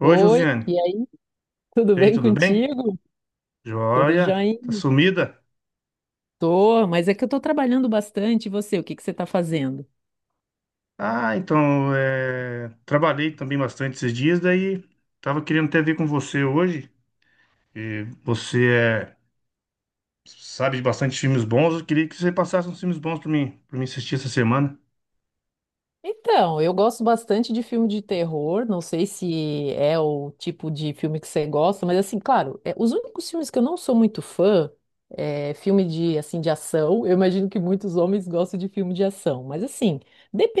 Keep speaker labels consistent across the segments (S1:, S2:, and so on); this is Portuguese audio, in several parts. S1: Oi,
S2: Oi,
S1: Josiane.
S2: e aí, tudo
S1: E aí,
S2: bem
S1: tudo bem?
S2: contigo? Tudo
S1: Joia? Tá
S2: joinha?
S1: sumida?
S2: Tô, mas é que eu tô trabalhando bastante. E você, o que que você tá fazendo?
S1: Ah, então, é, trabalhei também bastante esses dias, daí tava querendo até ver com você hoje. E você é... sabe de bastante filmes bons, eu queria que você passasse uns filmes bons pra mim, para mim assistir essa semana.
S2: Então, eu gosto bastante de filme de terror. Não sei se é o tipo de filme que você gosta, mas assim, claro, os únicos filmes que eu não sou muito fã é filme de assim de ação. Eu imagino que muitos homens gostam de filme de ação, mas assim,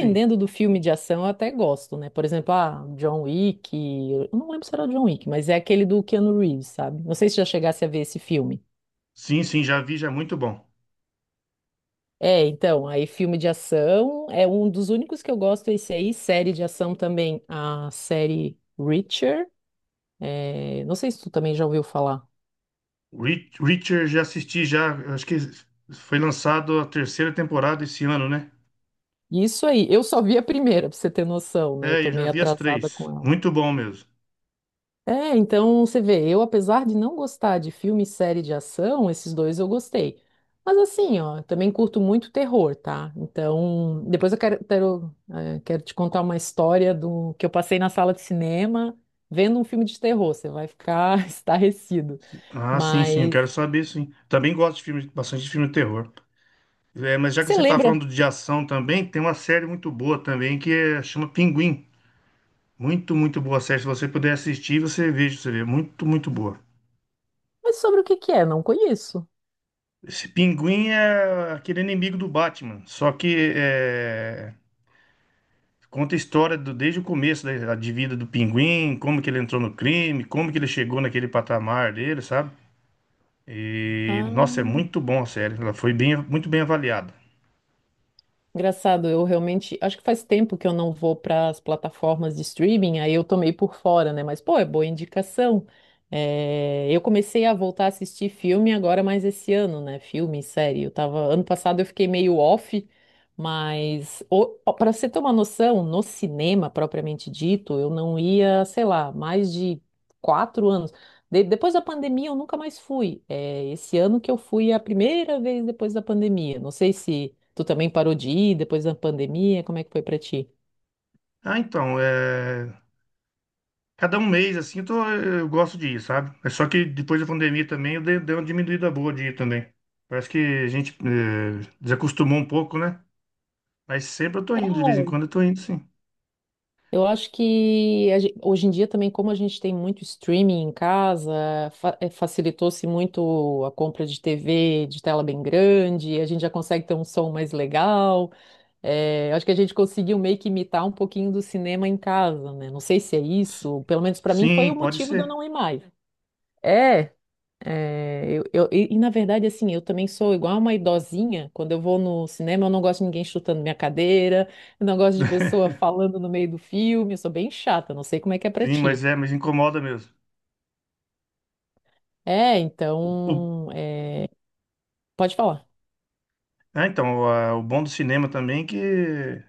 S1: Sim.
S2: do filme de ação, eu até gosto, né? Por exemplo, ah, John Wick. Eu não lembro se era o John Wick, mas é aquele do Keanu Reeves, sabe? Não sei se já chegasse a ver esse filme.
S1: Sim, sim, já vi, já é muito bom.
S2: É, então, aí filme de ação é um dos únicos que eu gosto, esse aí, série de ação também, a série Reacher, não sei se tu também já ouviu falar.
S1: Reacher já assisti, já, acho que foi lançado a terceira temporada esse ano, né?
S2: Isso aí, eu só vi a primeira, pra você ter noção, né? Eu
S1: É,
S2: tô
S1: eu já
S2: meio
S1: vi as
S2: atrasada com
S1: três.
S2: ela.
S1: Muito bom mesmo.
S2: É, então você vê, eu apesar de não gostar de filme e série de ação, esses dois eu gostei. Mas assim, ó, também curto muito terror, tá? Então, depois eu quero te contar uma história do que eu passei na sala de cinema vendo um filme de terror. Você vai ficar estarrecido.
S1: Ah, sim, sim, eu
S2: Mas
S1: quero saber, sim. Também gosto de filme, bastante de filme de terror. É, mas já que
S2: você
S1: você tá
S2: lembra?
S1: falando de ação também, tem uma série muito boa também chama Pinguim. Muito, muito boa série. Se você puder assistir, você veja, você vê. Muito, muito boa.
S2: Mas sobre o que que é? Não conheço.
S1: Esse Pinguim é aquele inimigo do Batman, só que é, conta a história desde o começo da, de vida do Pinguim, como que ele entrou no crime, como que ele chegou naquele patamar dele, sabe? E, nossa, é
S2: Ah.
S1: muito bom a série. Ela foi bem, muito bem avaliada.
S2: Engraçado, eu realmente acho que faz tempo que eu não vou para as plataformas de streaming, aí eu tomei por fora, né? Mas, pô, é boa indicação. É, eu comecei a voltar a assistir filme agora mais esse ano, né? Filme, série. Eu tava, ano passado eu fiquei meio off, mas para você ter uma noção, no cinema propriamente dito, eu não ia, sei lá, mais de quatro anos. Depois da pandemia, eu nunca mais fui. É, esse ano que eu fui é a primeira vez depois da pandemia. Não sei se tu também parou de ir depois da pandemia, como é que foi pra ti?
S1: Ah, então, cada um mês, assim, eu, eu gosto de ir, sabe? É só que depois da pandemia também eu dei, dei uma diminuída boa de ir também. Parece que a gente é, desacostumou um pouco, né? Mas sempre eu tô indo, de vez em
S2: É,
S1: quando eu tô indo, sim.
S2: eu acho que hoje em dia também, como a gente tem muito streaming em casa, facilitou-se muito a compra de TV de tela bem grande, a gente já consegue ter um som mais legal. Acho que a gente conseguiu meio que imitar um pouquinho do cinema em casa, né? Não sei se é
S1: S-
S2: isso, pelo menos para mim foi o
S1: Sim, pode
S2: motivo de eu
S1: ser.
S2: não ir mais. É, na verdade, assim, eu também sou igual uma idosinha. Quando eu vou no cinema, eu não gosto de ninguém chutando minha cadeira, eu não gosto de pessoa falando no meio do filme. Eu sou bem chata, não sei como é que é pra
S1: Sim,
S2: ti.
S1: mas é, mas incomoda mesmo.
S2: É,
S1: O-
S2: então, pode falar.
S1: Ah, então, o bom do cinema também é que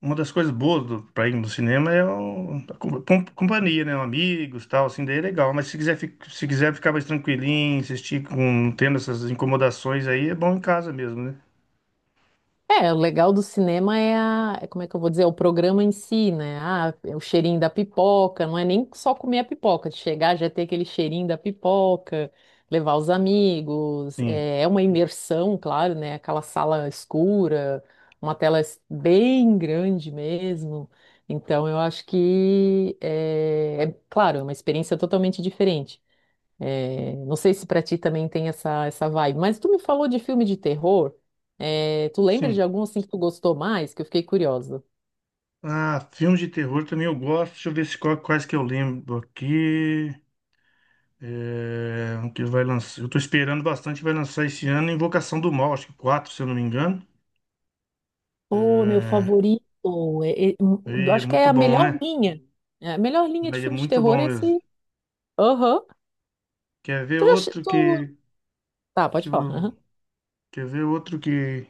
S1: uma das coisas boas do, pra ir no cinema é a companhia, né? Amigos, tal, assim, daí é legal. Mas se quiser, se quiser ficar mais tranquilinho, assistir com, não tendo essas incomodações aí, é bom em casa mesmo, né?
S2: É, o legal do cinema é como é que eu vou dizer, é o programa em si, né? Ah, é o cheirinho da pipoca, não é nem só comer a pipoca, de chegar já é ter aquele cheirinho da pipoca, levar os amigos,
S1: Sim,
S2: é, uma imersão, claro, né? Aquela sala escura, uma tela bem grande mesmo. Então, eu acho que, é claro, é uma experiência totalmente diferente. É, não sei se pra ti também tem essa vibe, mas tu me falou de filme de terror. É, tu lembra de
S1: sim.
S2: algum assim que tu gostou mais? Que eu fiquei curiosa.
S1: Ah, filmes de terror também eu gosto. Deixa eu ver se, quais que eu lembro aqui. É, um que vai lançar. Eu tô esperando bastante, vai lançar esse ano Invocação do Mal, acho que 4 se eu não me engano.
S2: Pô, meu
S1: É,
S2: favorito. é- é- hum,
S1: e é
S2: Acho que é
S1: muito
S2: a
S1: bom,
S2: melhor
S1: né?
S2: linha. É, a melhor linha de
S1: Mas é
S2: filme de
S1: muito
S2: terror
S1: bom
S2: é esse.
S1: mesmo.
S2: Aham.
S1: Quer ver
S2: Tu já.
S1: outro
S2: Tu.
S1: que,
S2: Tá,
S1: que
S2: pode falar.
S1: eu
S2: Aham.
S1: Quer ver outro que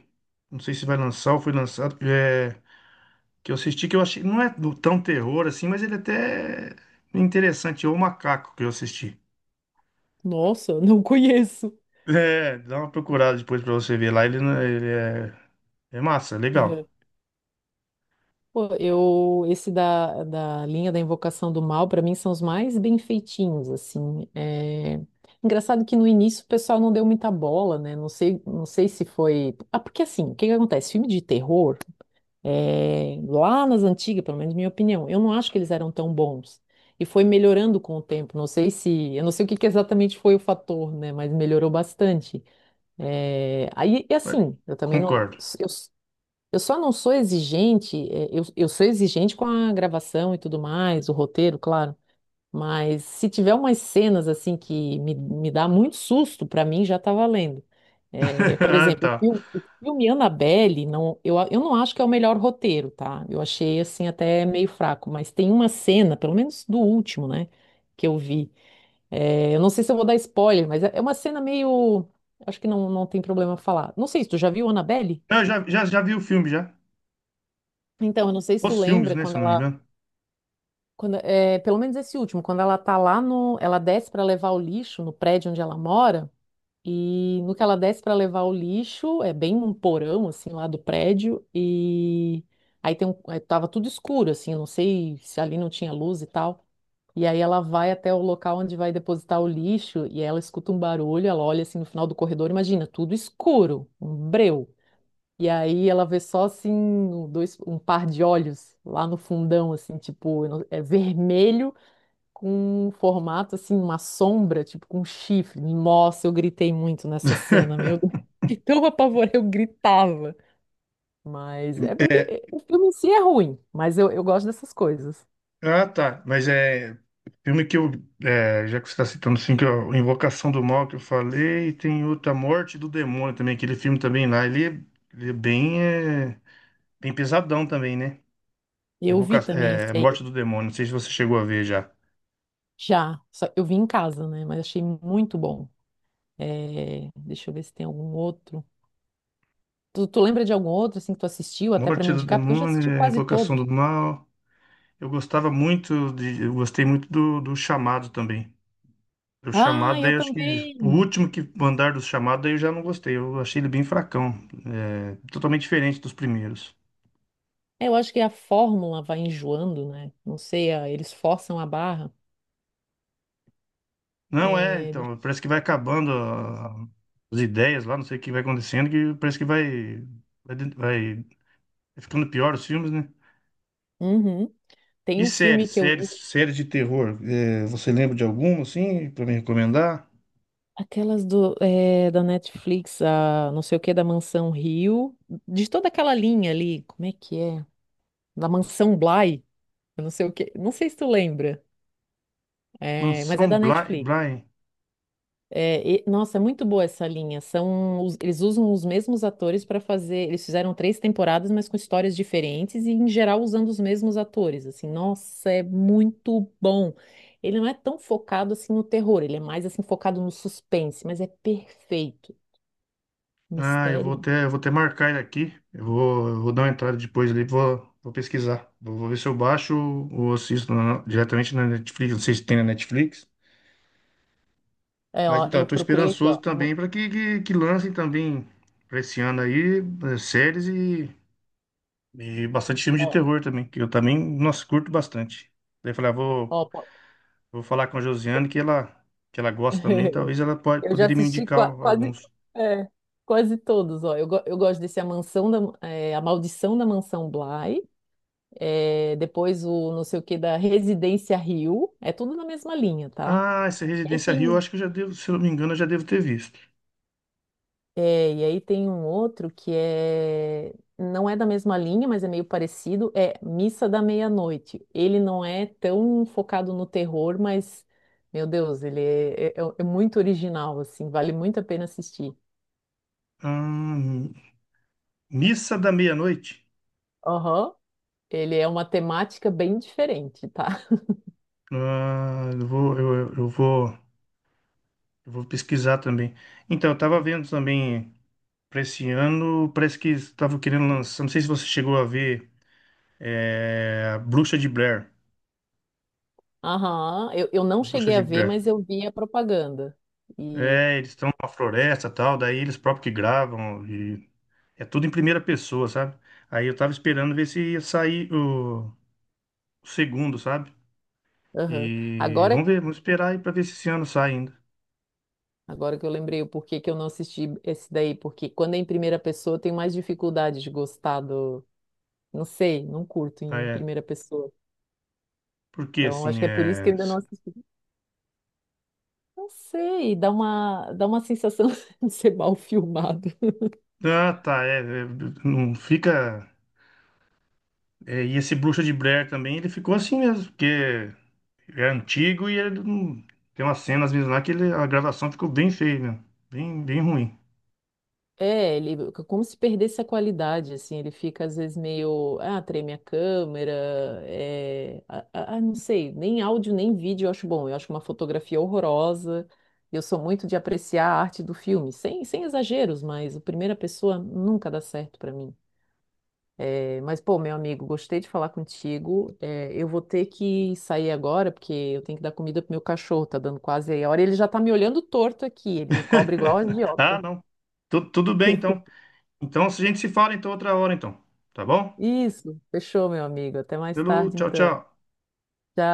S1: não sei se vai lançar ou foi lançado, que é que eu assisti que eu achei não tão terror assim, mas ele até é interessante, é o Macaco que eu assisti.
S2: Nossa, eu não conheço.
S1: É, dá uma procurada depois pra você ver lá, ele, ele é, é massa, legal.
S2: Pô, esse da linha da Invocação do Mal, pra mim, são os mais bem feitinhos, assim. É. Engraçado que no início o pessoal não deu muita bola, né? Não sei se foi. Ah, porque assim, o que que acontece? Filme de terror, lá nas antigas, pelo menos minha opinião, eu não acho que eles eram tão bons. E foi melhorando com o tempo. Não sei se. Eu não sei o que que exatamente foi o fator, né? Mas melhorou bastante. É, aí, e
S1: Mas-
S2: assim, eu também não.
S1: Concordo.
S2: Eu... Eu só não sou exigente, eu sou exigente com a gravação e tudo mais, o roteiro, claro, mas se tiver umas cenas assim que me dá muito susto, pra mim já tá valendo. Por
S1: Ah,
S2: exemplo,
S1: tá.
S2: o filme Annabelle, não, eu não acho que é o melhor roteiro, tá? Eu achei assim até meio fraco, mas tem uma cena, pelo menos do último, né, que eu vi. Eu não sei se eu vou dar spoiler, mas é uma cena meio. Acho que não, não tem problema falar. Não sei se tu já viu Annabelle?
S1: Não, eu já, já, já vi o filme já.
S2: Então, eu não sei se tu
S1: Os filmes,
S2: lembra
S1: né, se
S2: quando
S1: eu não me
S2: ela.
S1: engano.
S2: Quando, pelo menos esse último, quando ela tá lá no, ela desce para levar o lixo no prédio onde ela mora, e no que ela desce para levar o lixo, é bem um porão assim lá do prédio e aí tem um, aí tava tudo escuro assim, eu não sei se ali não tinha luz e tal. E aí ela vai até o local onde vai depositar o lixo e ela escuta um barulho, ela olha assim no final do corredor, imagina, tudo escuro, um breu. E aí ela vê só assim um dois, um par de olhos lá no fundão, assim, tipo, eu não- é vermelho com um formato assim, uma sombra, tipo com um chifre. Nossa, eu gritei muito nessa cena, meu Deus. De tão apavorada, eu gritava. Mas é porque o filme em si é ruim, mas eu gosto dessas coisas.
S1: Ah, tá. Mas é filme que eu. É, já que você está citando assim, Invocação do Mal que eu falei, e tem outra Morte do Demônio também, aquele filme também lá. Ele é, bem pesadão também, né?
S2: E eu vi
S1: Invoca,
S2: também
S1: é,
S2: esse aí,
S1: Morte do Demônio, não sei se você chegou a ver já.
S2: já. Eu vi em casa, né? Mas achei muito bom. É, deixa eu ver se tem algum outro. Tu lembra de algum outro, assim, que tu assistiu, até pra
S1: Morte
S2: me
S1: do
S2: indicar? Porque eu já assisti
S1: Demônio, é,
S2: quase
S1: Invocação do
S2: todos.
S1: Mal. Eu gostava muito de. Eu gostei muito do, do Chamado também. O
S2: Ah,
S1: Chamado, daí
S2: eu
S1: eu acho que o
S2: também!
S1: último que mandar do Chamado, daí eu já não gostei. Eu achei ele bem fracão. É, totalmente diferente dos primeiros.
S2: É, eu acho que a fórmula vai enjoando, né? Não sei, eles forçam a barra.
S1: Não é,
S2: É.
S1: então, parece que vai acabando ah, as ideias lá, não sei o que vai acontecendo, que parece que vai, vai, vai ficando pior os filmes, né?
S2: Uhum. Tem
S1: E
S2: um
S1: séries,
S2: filme que eu
S1: séries,
S2: vi,
S1: séries de terror. Eh, você lembra de alguma, assim, pra me recomendar?
S2: aquelas do, da Netflix, a não sei o que, da Mansão Rio, de toda aquela linha ali, como é que é? Da Mansão Bly, eu não sei o que, não sei se tu lembra, mas é
S1: Mansão
S2: da
S1: Bly,
S2: Netflix.
S1: Bly.
S2: É, nossa, é muito boa essa linha. São, eles usam os mesmos atores para fazer. Eles fizeram três temporadas, mas com histórias diferentes e, em geral, usando os mesmos atores. Assim, nossa, é muito bom. Ele não é tão focado assim no terror. Ele é mais assim focado no suspense, mas é perfeito.
S1: Ah,
S2: Mistério.
S1: eu vou até marcar ele aqui. Eu vou dar uma entrada depois ali, vou, vou pesquisar. Vou, vou ver se eu baixo ou assisto diretamente na Netflix. Não sei se tem na Netflix.
S2: É,
S1: Mas
S2: ó,
S1: então,
S2: eu
S1: eu tô
S2: procurei aqui, ó.
S1: esperançoso também para que, que lancem também para esse ano aí eh, séries e bastante filme de
S2: Ó,
S1: terror também, que eu também, nossa, curto bastante. Daí eu falei, ah, vou,
S2: ó,
S1: vou falar com a Josiane que ela gosta também, talvez ela pode,
S2: Eu já
S1: poderia me
S2: assisti
S1: indicar alguns.
S2: é, quase todos, ó. Eu gosto desse A Mansão da, A Maldição da Mansão Bly. É, depois o não sei o que da Residência Rio, é tudo na mesma linha, tá?
S1: Ah, essa
S2: E aí
S1: Residência Rio, eu
S2: tem,
S1: acho que eu já devo, se eu não me engano, eu já devo ter visto.
S2: é, e aí tem um outro que não é da mesma linha, mas é meio parecido, é Missa da Meia-Noite. Ele não é tão focado no terror, mas, meu Deus, ele é muito original, assim, vale muito a pena assistir.
S1: Hum, Missa da Meia-Noite.
S2: Aham. Ele é uma temática bem diferente, tá?
S1: Ah, eu vou pesquisar também. Então, eu tava vendo também. Pra esse ano, parece que estavam querendo lançar. Não sei se você chegou a ver é, a Bruxa de Blair.
S2: Aham, eu não
S1: Bruxa
S2: cheguei a
S1: de
S2: ver,
S1: Blair.
S2: mas eu vi a propaganda. E
S1: É, eles estão numa floresta e tal, daí eles próprios que gravam. E é tudo em primeira pessoa, sabe? Aí eu tava esperando ver se ia sair o segundo, sabe?
S2: aham.
S1: E
S2: Agora
S1: vamos ver, vamos esperar aí pra ver se esse ano sai ainda.
S2: Agora que eu lembrei o porquê que eu não assisti esse daí, porque quando é em primeira pessoa eu tenho mais dificuldade de gostar do. Não sei, não curto
S1: Ah,
S2: em
S1: é,
S2: primeira pessoa.
S1: porque
S2: Então acho
S1: assim,
S2: que é por isso que eu
S1: é.
S2: ainda não assisti. Não sei, dá uma sensação de ser mal filmado.
S1: Ah, tá, é, é, não fica. É, e esse Bruxa de Blair também, ele ficou assim mesmo, porque. Ele é antigo e ele tem umas cenas mesmo lá que a gravação ficou bem feia, meu. Bem, bem ruim.
S2: É, ele como se perdesse a qualidade, assim, ele fica às vezes meio, ah, treme a câmera, não sei, nem áudio nem vídeo eu acho bom, eu acho uma fotografia horrorosa, eu sou muito de apreciar a arte do filme, sem exageros, mas o primeira pessoa nunca dá certo pra mim. É, mas, pô, meu amigo, gostei de falar contigo, eu vou ter que sair agora, porque eu tenho que dar comida pro meu cachorro, tá dando quase aí a hora, ele já tá me olhando torto aqui, ele me cobra igual a
S1: Ah,
S2: idiota.
S1: não. Tudo bem, então. Então, a gente se fala então outra hora, então. Tá bom?
S2: Isso, fechou, meu amigo. Até mais
S1: Pelo
S2: tarde,
S1: tchau,
S2: então.
S1: tchau.
S2: Tchau.